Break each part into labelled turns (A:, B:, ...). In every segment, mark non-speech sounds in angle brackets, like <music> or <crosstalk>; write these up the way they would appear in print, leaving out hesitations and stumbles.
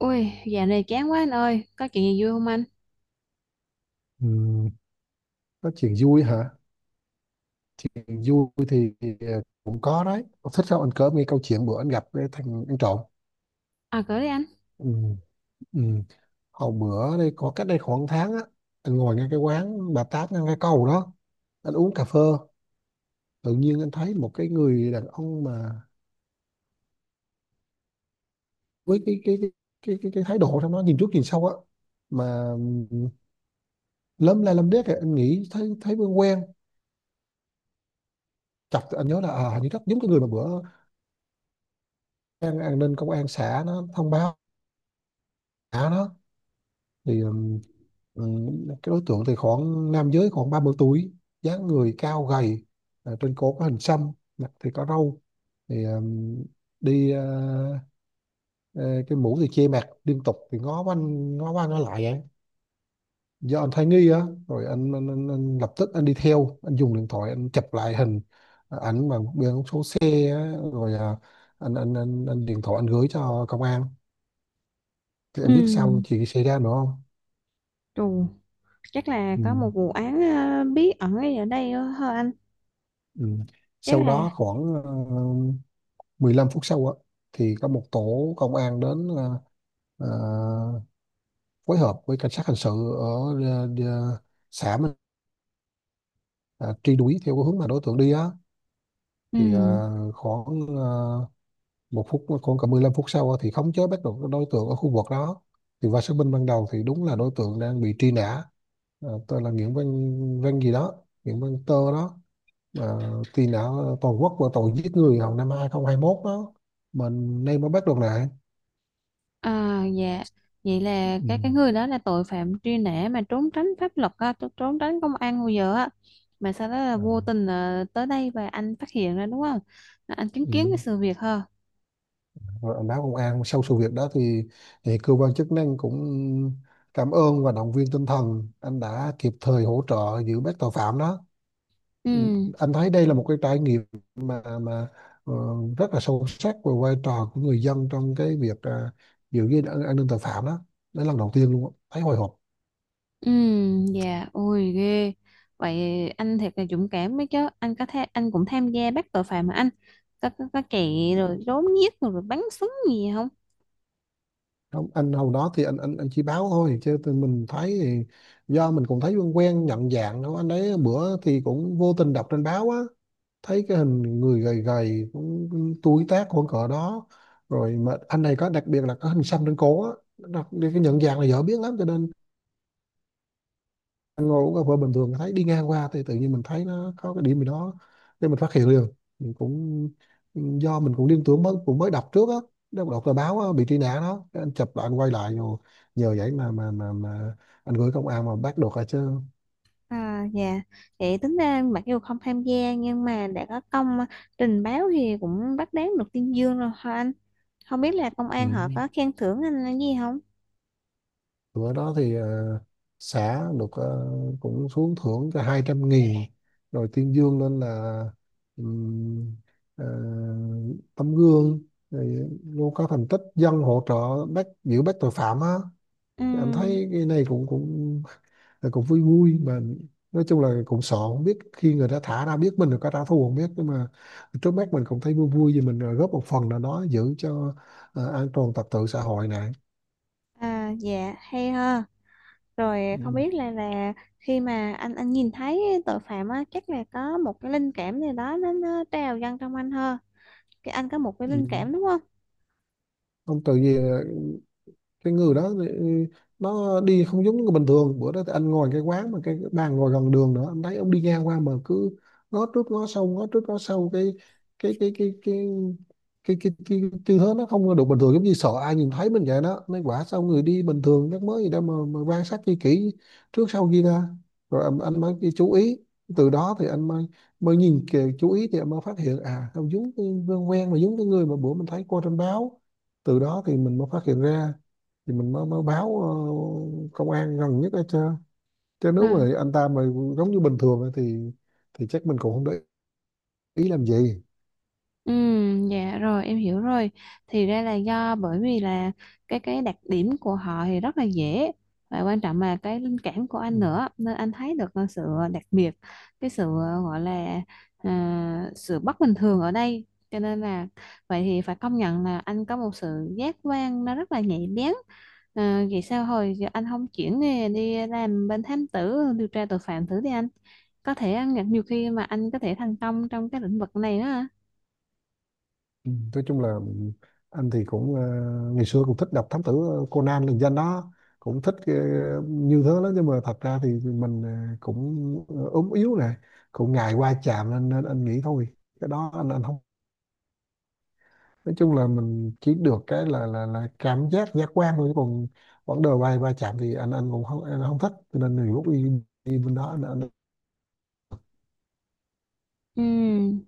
A: Ui, dạo này chán quá anh ơi, có chuyện gì vui không anh?
B: Ừ, nói chuyện vui hả? Chuyện vui thì cũng có đấy. Ông thích không? Anh cỡ nghe câu chuyện bữa anh gặp cái thằng ăn trộm.
A: À, cỡ đi anh.
B: Ừ, ừ. Hồi bữa đây có cách đây khoảng tháng á, anh ngồi ngay cái quán bà Tám ngay cái cầu đó, anh uống cà phê, tự nhiên anh thấy một cái người đàn ông mà với cái thái độ trong nó nhìn trước nhìn sau á, mà lấm la lấm đét kìa. Anh nghĩ thấy thấy quen quen. Chọc anh nhớ là à, hình như rất giống cái người mà bữa an ninh công an xã nó thông báo xã nó thì cái đối tượng thì khoảng nam giới khoảng 30 tuổi, dáng người cao gầy, à, trên cổ có hình xăm, mặt thì có râu, thì đi ờ, cái mũ thì che mặt liên tục thì ngó quanh ngó qua ngó lại vậy do anh thấy nghi á, rồi anh lập tức anh đi theo, anh dùng điện thoại anh chụp lại hình, ảnh bằng biển số xe á, rồi anh điện thoại anh gửi cho công an. Thì
A: Ừ,
B: em biết sao chuyện xảy ra nữa không?
A: trù, chắc là
B: Ừ.
A: có một vụ án bí ẩn ấy ở đây hả anh?
B: Ừ.
A: Chắc
B: Sau
A: là
B: đó khoảng 15 phút sau á, thì có một tổ công an đến, ờ, phối hợp với cảnh sát hình sự ở ờ, ờ, xã mình, ờ, truy đuổi theo cái hướng mà đối tượng đi á,
A: ừ.
B: thì khoảng một phút khoảng cả 15 phút sau á, thì khống chế bắt được cái đối tượng ở khu vực đó. Thì qua xác minh ban đầu thì đúng là đối tượng đang bị truy nã. Ờ, tên là Nguyễn Văn Văn gì đó, Nguyễn Văn Tơ đó. Ờ, thì đã toàn quốc và tội giết người hồi năm 2021 đó, mình nay mới bắt được lại.
A: À, dạ, vậy là
B: Ừ.
A: cái người đó là tội phạm truy nã mà trốn tránh pháp luật á, trốn tránh công an hồi giờ á. Mà sau đó là
B: Ờ,
A: vô tình ờ, tới đây và anh phát hiện ra đúng không? Là anh chứng
B: ừ.
A: kiến cái sự việc ha.
B: Rồi anh báo công an sau sự việc đó thì cơ quan chức năng cũng cảm ơn và động viên tinh thần anh đã kịp thời hỗ trợ giữ bắt tội phạm đó. Ừ.
A: Ừ.
B: Anh thấy đây là một cái trải nghiệm mà ờ, rất là sâu sắc về vai trò của người dân trong cái việc à, giữ gìn an ninh tội phạm đó. Đó là lần đầu tiên luôn á, thấy hồi hộp.
A: Ừ, dạ, ôi ghê. Vậy anh thiệt là dũng cảm mấy chứ. Anh có thể anh cũng tham gia bắt tội phạm mà anh. Có chạy
B: Ừ.
A: rồi trốn giết rồi, rồi bắn súng gì không?
B: Không, anh hồi đó thì anh chỉ báo thôi chứ tụi mình thấy thì do mình cũng thấy quen quen, nhận dạng đâu anh đấy bữa thì cũng vô tình đọc trên báo á, thấy cái hình người gầy gầy cũng tuổi tác khoảng cỡ đó, rồi mà anh này có đặc biệt là có hình xăm trên cổ á, đặc biệt cái nhận dạng là dễ biết lắm, cho nên ăn ngồi uống cà phê bình thường thấy đi ngang qua thì tự nhiên mình thấy nó có cái điểm gì đó nên mình phát hiện liền. Mình cũng do mình cũng liên tưởng mới cũng mới đọc trước á, đọc tờ báo á, bị truy nã đó. Cái anh chụp lại anh quay lại rồi nhờ vậy mà anh gửi công an mà bắt được rồi chứ.
A: À, dạ. Vậy tính ra mặc dù không tham gia nhưng mà đã có công trình báo thì cũng bắt đáng được tuyên dương rồi hả anh? Không biết là công
B: Ừ.
A: an họ có khen thưởng anh là gì không?
B: Bữa đó thì xã được cũng xuống thưởng cho 200.000, rồi tuyên dương lên là ừm, ờ, tấm gương, rồi luôn có thành tích dân hỗ trợ bắt giữ bắt tội phạm á.
A: Ừ,
B: Em thấy cái này cũng cũng cũng vui vui mà. Nói chung là cũng sợ không biết khi người ta thả ra biết mình là có trả thù không biết, nhưng mà trước mắt mình cũng thấy vui vui vì mình ờ, góp một phần nào đó giữ cho ờ, an toàn trật tự xã hội này.
A: à, dạ, hay ha. Rồi
B: Ừ.
A: không biết là khi mà anh nhìn thấy tội phạm á, chắc là có một cái linh cảm gì đó nó trào dâng trong anh hơn. Cái anh có một cái
B: Ừ.
A: linh cảm đúng không?
B: Ông tự gì cái người đó thì nó đi không giống người bình thường. Bữa đó thì anh ngồi cái quán mà cái bàn ngồi gần đường nữa, anh thấy ông đi ngang qua mà cứ ngó trước ngó sau ngó trước ngó sau, cái cái cái cái cái tư thế nó không được bình thường, giống như sợ ai nhìn thấy mình vậy đó, nên quả sao người đi bình thường chắc mới gì đâu mà quan sát chi kỹ trước sau kia ra. Rồi anh mới đi chú ý, từ đó thì anh mới mới nhìn kìa, chú ý thì anh mới phát hiện à không giống, cái quen quen mà giống cái người mà bữa mình thấy qua trên báo. Từ đó thì mình mới phát hiện ra, thì mình mới mới báo ờ, công an gần nhất hết chứ. Chứ nếu
A: Ừ.
B: mà anh ta mà giống như bình thường á thì chắc mình cũng không để ý làm gì.
A: Ừ, dạ rồi em hiểu rồi, thì ra là do bởi vì là cái đặc điểm của họ thì rất là dễ, và quan trọng là cái linh cảm của
B: Ừ.
A: anh nữa nên anh thấy được ờ, sự đặc biệt, cái sự ờ, gọi là à, sự bất bình thường ở đây, cho nên là vậy thì phải công nhận là anh có một sự giác quan nó rất là nhạy bén. À, vậy sao hồi giờ anh không chuyển nghề đi làm bên thám tử điều tra tội phạm thử đi anh, có thể ờ, nhiều khi mà anh có thể thành công trong cái lĩnh vực này đó.
B: Ừ. Nói chung là anh thì cũng ờ, ngày xưa cũng thích đọc thám tử ờ, Conan lừng danh đó, cũng thích ờ, như thế đó, nhưng mà thật ra thì mình ờ, cũng ờ, ốm yếu này, cũng ngại va chạm nên anh nghĩ thôi, cái đó anh không. Nói chung là mình chỉ được cái là cảm giác giác quan thôi, chứ còn vấn đề bay va chạm thì anh cũng không, anh không thích, cho nên nhiều lúc đi đi bên đó anh
A: Ừm,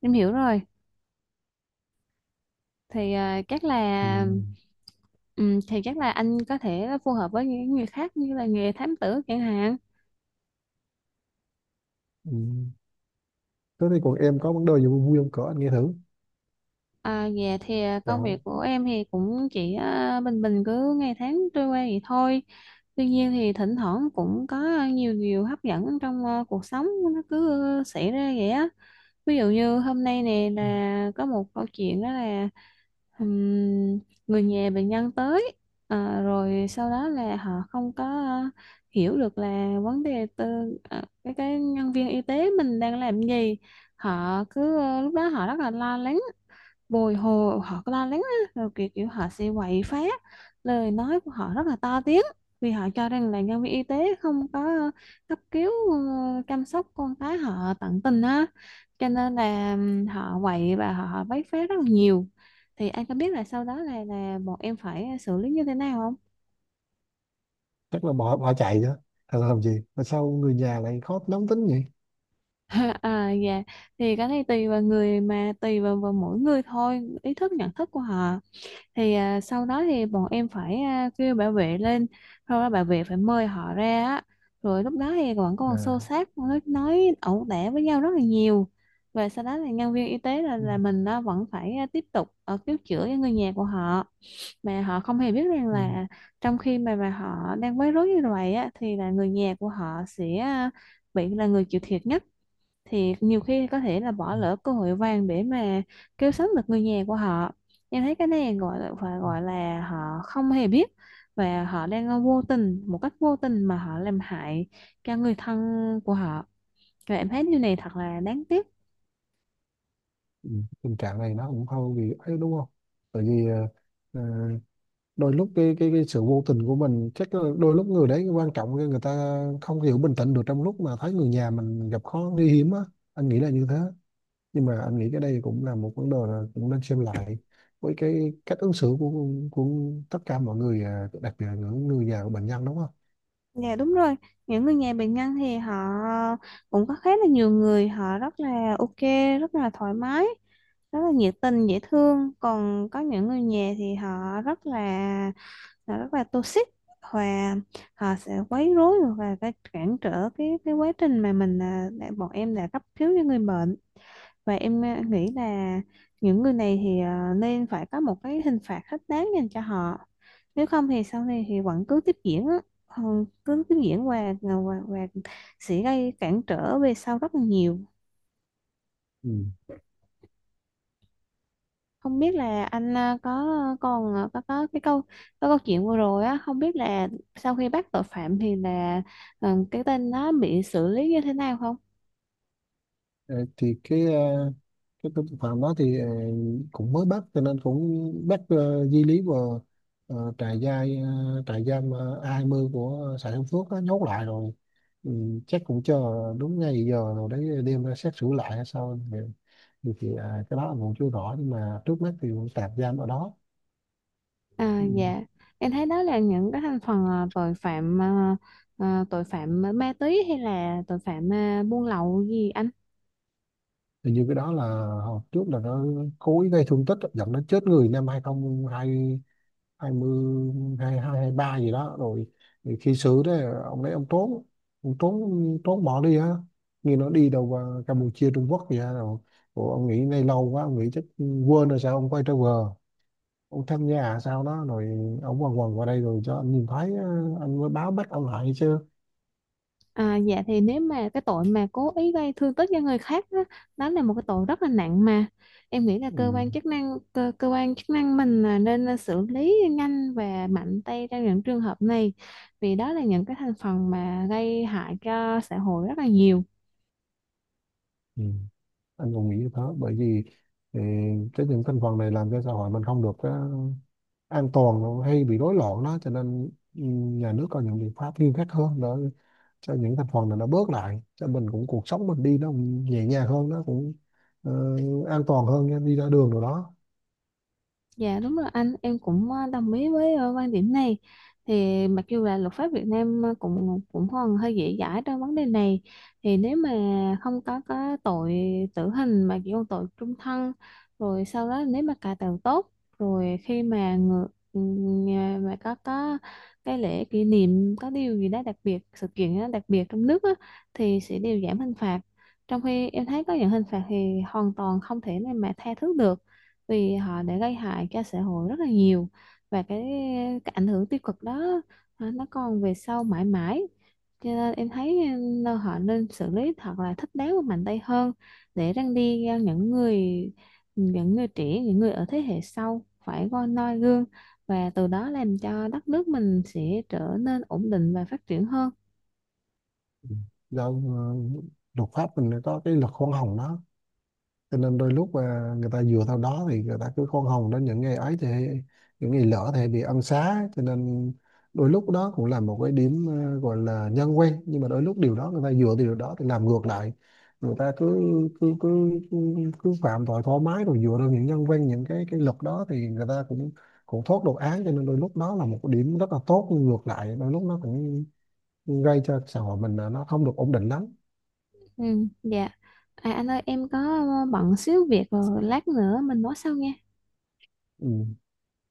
A: em hiểu rồi. Thì à, chắc
B: ừ,
A: là thì chắc là anh có thể phù hợp với những người khác như là nghề thám tử chẳng hạn.
B: ừ. Thế thì còn em có vấn đề gì vui vui không cỡ anh nghe thử?
A: À, dạ thì à, công
B: Chào.
A: việc của em thì cũng chỉ à, bình bình cứ ngày tháng trôi qua vậy thôi. Tuy nhiên thì thỉnh thoảng cũng có nhiều điều hấp dẫn trong à, cuộc sống nó cứ xảy ra vậy á. Ví dụ như hôm nay nè
B: Ừ,
A: là có một câu chuyện đó là ừm, người nhà bệnh nhân tới ờ, rồi sau đó là họ không có ờ, hiểu được là vấn đề từ ờ, cái nhân viên y tế mình đang làm gì, họ cứ ờ, lúc đó họ rất là lo lắng bồi hồi, họ có la lắng á, rồi kiểu kiểu họ sẽ quậy phá, lời nói của họ rất là to tiếng vì họ cho rằng là nhân viên y tế không có ờ, cấp cứu ờ, chăm sóc con cái họ tận tình á, cho nên là họ quậy và họ bấy phá rất là nhiều. Thì anh có biết là sau đó là bọn em phải xử lý như thế nào không?
B: chắc là bỏ bỏ chạy chứ. Thật là làm gì mà sao người nhà lại khó nóng tính vậy?
A: <laughs> À dạ, thì cái này tùy vào người, mà tùy vào, vào mỗi người thôi, ý thức nhận thức của họ. Thì à, sau đó thì bọn em phải à, kêu bảo vệ lên, sau đó bảo vệ phải mời họ ra á, rồi lúc đó thì vẫn còn xô
B: À.
A: xát, nói ẩu đả với nhau rất là nhiều. Và sau đó thì nhân viên y tế là
B: ừ,
A: là mình nó vẫn phải à, tiếp tục cứu chữa cho người nhà của họ, mà họ không hề biết rằng
B: ừ,
A: là trong khi mà họ đang bối rối như vậy á thì là người nhà của họ sẽ à, bị là người chịu thiệt nhất, thì nhiều khi có thể là bỏ
B: ừ,
A: lỡ cơ hội vàng để mà cứu sống được người nhà của họ. Em thấy cái này gọi là phải
B: ừ.
A: gọi là họ không hề biết, và họ đang vô tình một cách vô tình mà họ làm hại cho người thân của họ, và em thấy điều này thật là đáng tiếc.
B: Ừ. Tình trạng này nó cũng không vì ấy đúng không, tại vì ờ, đôi lúc cái sự vô tình của mình chắc là đôi lúc người đấy quan trọng người ta không hiểu bình tĩnh được trong lúc mà thấy người nhà mình gặp khó nguy hiểm á. Anh nghĩ là như thế, nhưng mà anh nghĩ cái đây cũng là một vấn đề là cũng nên xem lại với cái cách ứng xử của tất cả mọi người, à, đặc biệt là những người nhà của bệnh nhân đúng không?
A: Dạ đúng rồi, những người nhà bệnh nhân thì họ cũng có khá là nhiều người họ rất là ok, rất là thoải mái, rất là nhiệt tình dễ thương, còn có những người nhà thì họ rất là rất là toxic, và họ sẽ quấy rối và phải cản trở cái quá trình mà mình à, đã, bọn em đã cấp cứu cho người bệnh. Và em à, nghĩ là những người này thì à, nên phải có một cái hình phạt thích đáng dành cho họ, nếu không thì sau này thì vẫn cứ tiếp diễn á. Ờ, cứ tiếp diễn và sẽ gây cản trở về sau rất là nhiều.
B: Ừ.
A: Không biết là anh à, có còn à, có cái câu, có câu chuyện vừa rồi á, không biết là sau khi bắt tội phạm thì là ờ, cái tên nó bị xử lý như thế nào không?
B: Ờ, thì cái à, cái tội phạm đó thì ờ, cũng mới bắt cho nên cũng bắt ờ, di lý vào ờ, trại giam ờ, trại giam ờ, A20 của xã Đông Phước á, nhốt lại rồi. Ừ, chắc cũng cho đúng ngay giờ rồi đấy đem ra xét xử lại hay sao thì à, cái đó là cũng chưa rõ, nhưng mà trước mắt thì cũng tạm giam ở đó.
A: À
B: Ừ.
A: dạ, em thấy đó là những cái thành phần à, tội phạm à, à, tội phạm ma túy hay là tội phạm à, buôn lậu gì anh?
B: Hình như cái đó là hồi trước là nó cố ý gây thương tích dẫn đến chết người năm 202, 2220, 2223 gì đó rồi, thì khi xử đấy ông trốn, ông trốn trốn bỏ đi á, như nó đi đâu vào Campuchia Trung Quốc gì á rồi. Ủa, ông nghĩ này lâu quá ông nghĩ chắc quên rồi sao ông quay trở về, ông tham gia à sao đó rồi ông quần quần qua đây rồi cho anh nhìn thấy á, anh mới báo bắt ông lại chứ.
A: À, dạ thì nếu mà cái tội mà cố ý gây thương tích cho người khác đó, đó là một cái tội rất là nặng, mà em nghĩ là
B: Ừ.
A: cơ quan chức năng mình là nên là xử lý nhanh và mạnh tay trong những trường hợp này, vì đó là những cái thành phần mà gây hại cho xã hội rất là nhiều.
B: Ừ. Anh còn nghĩ như thế, bởi vì ừ, cái những thành phần này làm cho xã hội mình không được á, an toàn hay bị rối loạn đó, cho nên ừ, nhà nước có những biện pháp nghiêm khắc hơn để cho những thành phần này nó bớt lại, cho mình cũng cuộc sống mình đi nó cũng nhẹ nhàng hơn, nó cũng ờ, an toàn hơn nha, đi ra đường rồi đó.
A: Dạ đúng rồi anh, em cũng ờ, đồng ý với ờ, quan điểm này. Thì mặc dù là luật pháp Việt Nam ờ, cũng cũng còn hơi dễ dãi trong vấn đề này, thì nếu mà không có tội tử hình mà chỉ có tội trung thân, rồi sau đó nếu mà cải tạo tốt, rồi khi mà ngự, ừ, mà có cái lễ kỷ niệm có điều gì đó đặc biệt, sự kiện đó đặc biệt trong nước á, thì sẽ đều giảm hình phạt. Trong khi em thấy có những hình phạt thì hoàn toàn không thể nào mà tha thứ được, vì họ đã gây hại cho xã hội rất là nhiều, và cái ảnh hưởng tiêu cực đó à, nó còn về sau mãi mãi, cho nên em thấy ừ, họ nên xử lý thật là thích đáng và mạnh tay hơn, để răn đi à, những người, những người trẻ, những người ở thế hệ sau phải coi noi gương, và từ đó làm cho đất nước mình sẽ trở nên ổn định và phát triển hơn.
B: Ừ. Do ờ, luật pháp mình có cái luật khoan hồng đó, cho nên đôi lúc mà người ta dựa theo đó thì người ta cứ khoan hồng đến những ngày ấy thì những ngày lỡ thì bị ân xá, cho nên đôi lúc đó cũng là một cái điểm ờ, gọi là nhân quen, nhưng mà đôi lúc điều đó người ta dựa từ điều đó thì làm ngược lại, người ta cứ cứ cứ cứ, cứ phạm tội thoải mái rồi dựa vào những nhân quen, những cái luật đó thì người ta cũng cũng thoát được án, cho nên đôi lúc đó là một cái điểm rất là tốt, nhưng ngược lại đôi lúc nó cũng gây cho xã hội mình là nó không được ổn định lắm.
A: Ừ, dạ. À, anh ơi em có bận xíu việc rồi, lát nữa mình nói sau nha.
B: Ừ.